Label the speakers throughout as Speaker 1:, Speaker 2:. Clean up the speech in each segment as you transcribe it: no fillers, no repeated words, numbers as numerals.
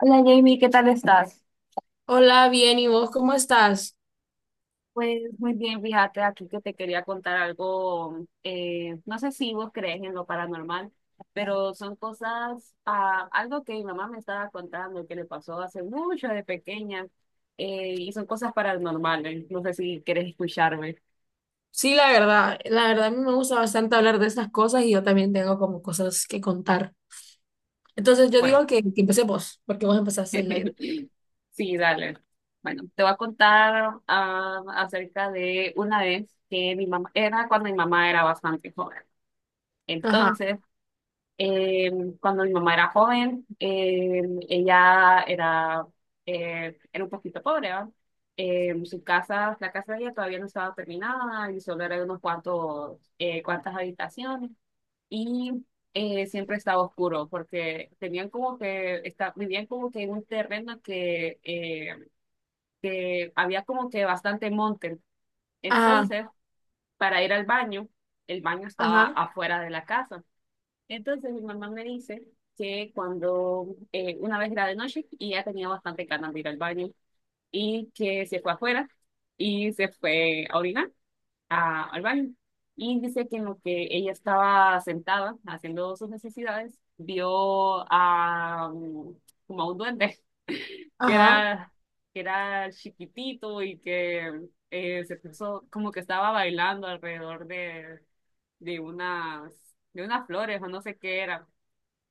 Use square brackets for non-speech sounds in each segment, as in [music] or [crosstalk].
Speaker 1: Hola Jamie, ¿qué tal estás?
Speaker 2: Hola, bien, ¿y vos cómo estás?
Speaker 1: Pues muy bien, fíjate aquí que te quería contar algo, no sé si vos crees en lo paranormal, pero son cosas, algo que mi mamá me estaba contando que le pasó hace mucho de pequeña, y son cosas paranormales, no sé si quieres escucharme.
Speaker 2: Sí, la verdad a mí me gusta bastante hablar de estas cosas y yo también tengo como cosas que contar. Entonces yo
Speaker 1: Bueno,
Speaker 2: digo que empecé vos, porque vos empezaste el
Speaker 1: [laughs]
Speaker 2: live.
Speaker 1: sí, dale. Bueno, te voy a contar, acerca de una vez que mi mamá, era cuando mi mamá era bastante joven.
Speaker 2: Ajá,
Speaker 1: Entonces, Eh, cuando mi mamá era joven, ella era, era un poquito pobre, ¿va? Su casa, la casa de ella todavía no estaba terminada y solo eran unos cuantos, cuantas habitaciones. Y siempre estaba oscuro porque tenían como que, está, vivían como que en un terreno que había como que bastante monte.
Speaker 2: ajá,
Speaker 1: Entonces, para ir al baño, el baño estaba
Speaker 2: ajá,
Speaker 1: afuera de la casa. Entonces mi mamá me dice que cuando una vez era de noche y ya tenía bastante ganas de ir al baño y que se fue afuera y se fue a orinar al baño. Y dice que en lo que ella estaba sentada haciendo sus necesidades, vio a, como a un duende [laughs] que
Speaker 2: ajá,
Speaker 1: era, que era chiquitito y que se puso como que estaba bailando alrededor de unas, de unas flores o no sé qué era.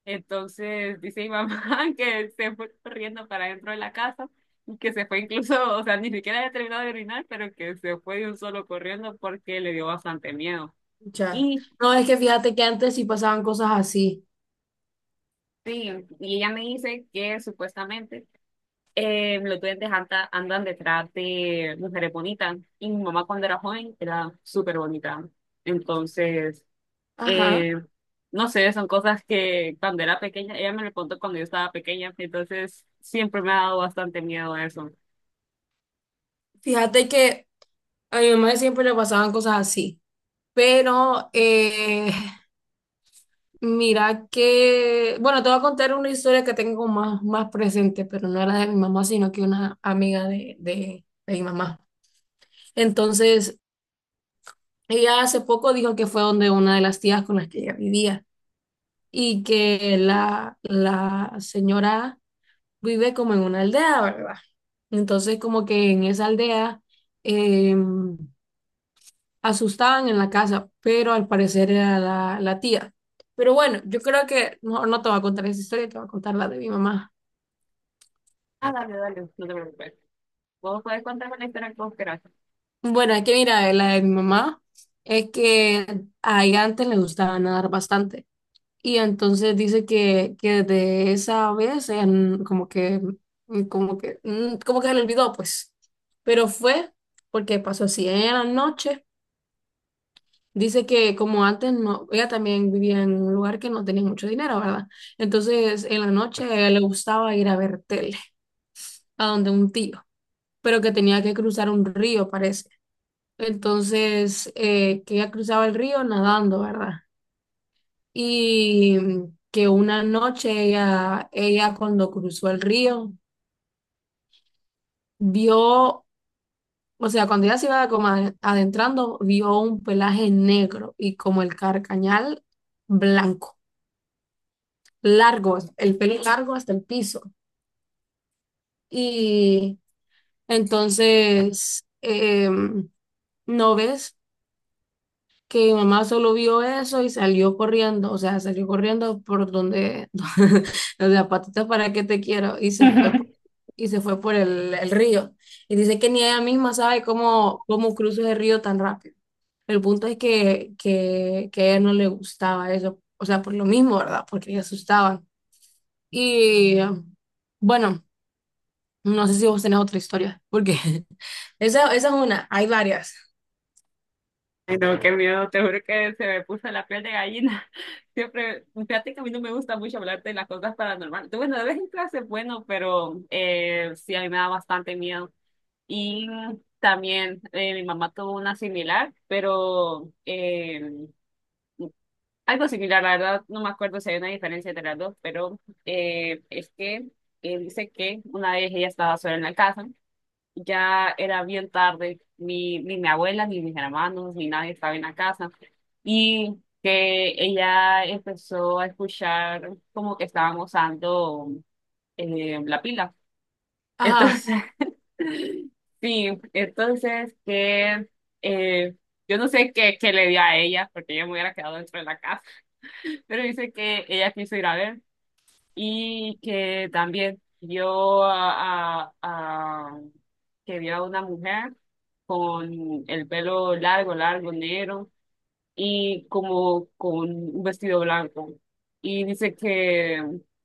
Speaker 1: Entonces dice mi mamá [laughs] que se fue corriendo para dentro de la casa y que se fue incluso, o sea, ni siquiera había terminado de orinar, pero que se fue de un solo corriendo porque le dio bastante miedo.
Speaker 2: ya.
Speaker 1: Y
Speaker 2: No, es que fíjate que antes sí pasaban cosas así.
Speaker 1: sí, y ella me dice que supuestamente los duendes andan detrás de mujeres bonitas y mi mamá cuando era joven era súper bonita. Entonces...
Speaker 2: Ajá.
Speaker 1: Eh, no sé, son cosas que cuando era pequeña, ella me lo contó cuando yo estaba pequeña, entonces siempre me ha dado bastante miedo eso.
Speaker 2: Fíjate que a mi mamá siempre le pasaban cosas así, pero mira que, bueno, te voy a contar una historia que tengo más, más presente, pero no era de mi mamá, sino que una amiga de mi mamá. Entonces, ella hace poco dijo que fue donde una de las tías con las que ella vivía y que la señora vive como en una aldea, ¿verdad? Entonces, como que en esa aldea eh, asustaban en la casa, pero al parecer era la tía. Pero bueno, yo creo que no, no te voy a contar esa historia, te voy a contar la de mi mamá.
Speaker 1: Ah, dale, dale, no te preocupes. Vos podés contarme la historia como quieras. [laughs]
Speaker 2: Bueno, es que mira, la de mi mamá es que a ella antes le gustaba nadar bastante y entonces dice que desde esa vez ella como que, como que, como que se le olvidó pues, pero fue porque pasó así. Ella en la noche dice que como antes no, ella también vivía en un lugar que no tenía mucho dinero, ¿verdad? Entonces en la noche a ella le gustaba ir a ver tele, a donde un tío, pero que tenía que cruzar un río, parece. Entonces, que ella cruzaba el río nadando, ¿verdad? Y que una noche ella cuando cruzó el río, vio, o sea, cuando ella se iba como adentrando, vio un pelaje negro y como el carcañal blanco, largo, el pelo largo hasta el piso. Y entonces, ¿no ves? Que mi mamá solo vio eso y salió corriendo, o sea, salió corriendo por donde, [laughs] o sea, patitas para que te quiero, y se fue y se fue por el río. Y dice que ni ella misma sabe cómo, cómo cruza el río tan rápido. El punto es que a ella no le gustaba eso, o sea, por lo mismo, ¿verdad? Porque le asustaban. Y bueno, no sé si vos tenés otra historia, porque [laughs] esa es una, hay varias.
Speaker 1: Ay, no, qué miedo, te juro que se me puso la piel de gallina. [laughs] Siempre, fíjate que a mí no me gusta mucho hablar de las cosas paranormales. Tú, bueno, de vez en clase es bueno, pero sí, a mí me da bastante miedo. Y también mi mamá tuvo una similar, pero algo similar, la verdad, no me acuerdo si hay una diferencia entre las dos, pero es que dice que una vez ella estaba sola en la casa, ya era bien tarde, ni mi abuela, ni mis hermanos, ni nadie estaba en la casa, y que ella empezó a escuchar como que estaban usando la pila.
Speaker 2: Ajá,
Speaker 1: Entonces, [laughs] sí, entonces que eh, yo no sé qué, qué le dio a ella, porque yo me hubiera quedado dentro de la casa, pero dice que ella quiso ir a ver y que también vio que vio a una mujer con el pelo largo, largo, negro, y como con un vestido blanco. Y dice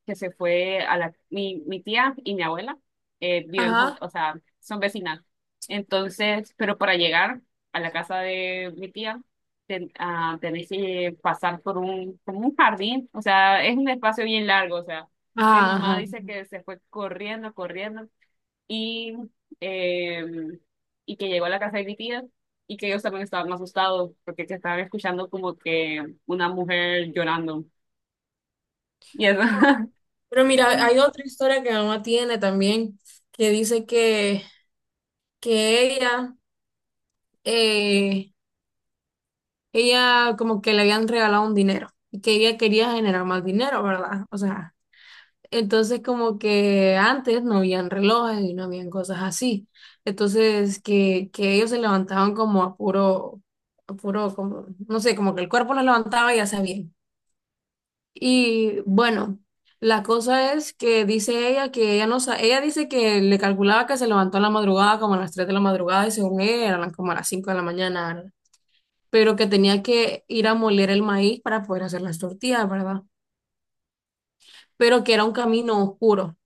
Speaker 1: que se fue a la, mi tía y mi abuela viven juntas,
Speaker 2: ajá,
Speaker 1: o sea, son vecinas. Entonces, pero para llegar a la casa de mi tía, tenés que pasar por un, como un jardín, o sea, es un espacio bien largo, o sea, mi
Speaker 2: ajá,
Speaker 1: mamá
Speaker 2: ajá.
Speaker 1: dice que se fue corriendo, corriendo y, eh, y que llegó a la casa de mi tía y que ellos también estaban asustados porque que estaban escuchando como que una mujer llorando. Y eso. [laughs]
Speaker 2: Pero mira, hay otra historia que mi mamá tiene también, que dice que, que ella, eh, ella como que le habían regalado un dinero y que ella quería generar más dinero, ¿verdad? O sea, entonces como que antes no habían relojes y no habían cosas así. Entonces que ellos se levantaban como a puro, como, no sé, como que el cuerpo los levantaba y ya sabían. Y bueno, la cosa es que dice ella que ella no sa- ella dice que le calculaba que se levantó en la madrugada, como a las 3 de la madrugada, y según ella eran como a las 5 de la mañana, pero que tenía que ir a moler el maíz para poder hacer las tortillas, ¿verdad? Pero que era un camino oscuro,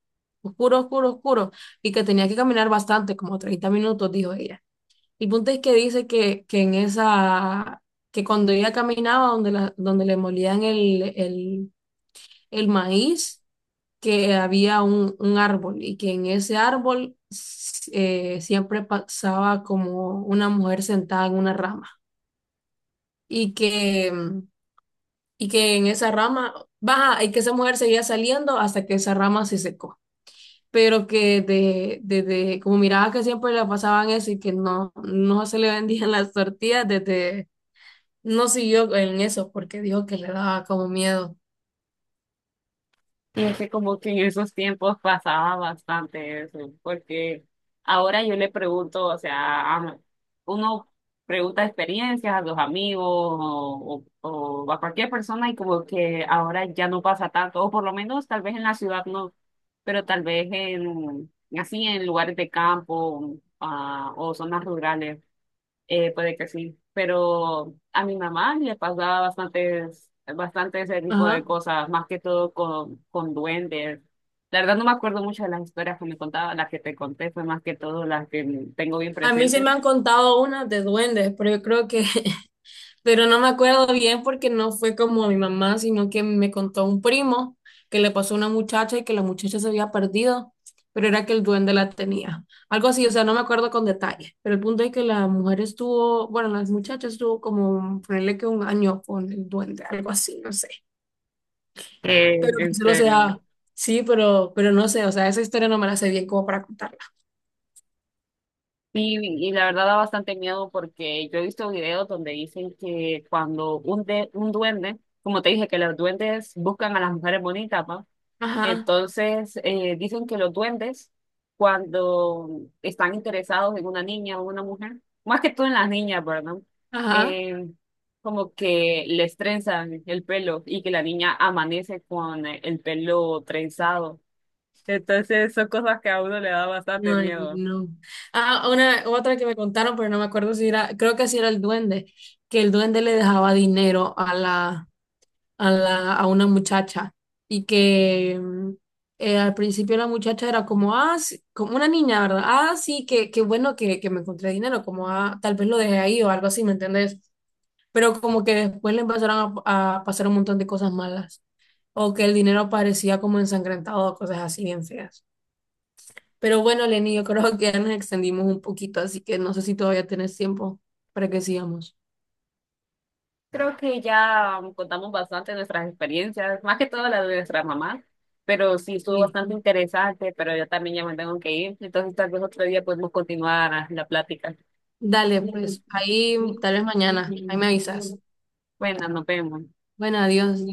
Speaker 2: oscuro, oscuro, oscuro, y que tenía que caminar bastante, como 30 minutos, dijo ella. El punto es que dice que en esa, que cuando ella caminaba donde, la, donde le molían el maíz, que había un árbol y que en ese árbol siempre pasaba como una mujer sentada en una rama y que, y que en esa rama, baja, y que esa mujer seguía saliendo hasta que esa rama se secó. Pero que de como miraba que siempre le pasaban eso y que no, no se le vendían [laughs] las tortillas, desde, no siguió en eso porque dijo que le daba como miedo.
Speaker 1: Y es que como que en esos tiempos pasaba bastante eso, porque ahora yo le pregunto, o sea, a- uno pregunta experiencias a los amigos o a cualquier persona y como que ahora ya no pasa tanto, o por lo menos tal vez en la ciudad no, pero tal vez en, así en lugares de campo, o zonas rurales puede que sí, pero a mi mamá le pasaba bastantes, bastante ese tipo de
Speaker 2: Ajá.
Speaker 1: cosas, más que todo con duendes. La verdad no me acuerdo mucho de las historias que me contaba, las que te conté fue más que todo las que tengo bien
Speaker 2: A mí sí
Speaker 1: presentes.
Speaker 2: me han contado unas de duendes, pero yo creo que, pero no me acuerdo bien porque no fue como mi mamá, sino que me contó un primo que le pasó a una muchacha y que la muchacha se había perdido, pero era que el duende la tenía. Algo así, o sea, no me acuerdo con detalle, pero el punto es que la mujer estuvo, bueno, las muchachas estuvo como, ponerle que un año con el duende, algo así, no sé. Pero que
Speaker 1: En
Speaker 2: solo
Speaker 1: serio.
Speaker 2: sea, sí, pero no sé, o sea, esa historia no me la sé bien como para contarla.
Speaker 1: Y la verdad da bastante miedo porque yo he visto videos donde dicen que cuando un, de, un duende, como te dije, que los duendes buscan a las mujeres bonitas, ¿va?
Speaker 2: Ajá,
Speaker 1: Entonces, dicen que los duendes, cuando están interesados en una niña o una mujer, más que todo en las niñas, ¿verdad?
Speaker 2: ajá.
Speaker 1: Eh, Como que les trenzan el pelo y que la niña amanece con el pelo trenzado. Entonces, son cosas que a uno le da bastante
Speaker 2: Ay,
Speaker 1: miedo.
Speaker 2: no. Ah, una, otra que me contaron, pero no me acuerdo si era, creo que si era el duende, que el duende le dejaba dinero a una muchacha y que al principio la muchacha era como, ah, sí", como una niña, ¿verdad? Ah, sí, qué bueno que me encontré dinero, como, ah, tal vez lo dejé ahí o algo así, ¿me entiendes? Pero como que después le empezaron a pasar un montón de cosas malas o que el dinero parecía como ensangrentado, cosas así bien feas. Pero bueno, Lenny, yo creo que ya nos extendimos un poquito, así que no sé si todavía tienes tiempo para que sigamos.
Speaker 1: Creo que ya contamos bastante nuestras experiencias, más que todo la de nuestra mamá, pero sí estuvo
Speaker 2: Sí.
Speaker 1: bastante interesante, pero yo también ya me tengo que ir, entonces tal vez otro día podemos continuar la plática.
Speaker 2: Dale,
Speaker 1: Bueno,
Speaker 2: pues ahí tal vez mañana, ahí me avisas.
Speaker 1: nos vemos.
Speaker 2: Bueno, adiós.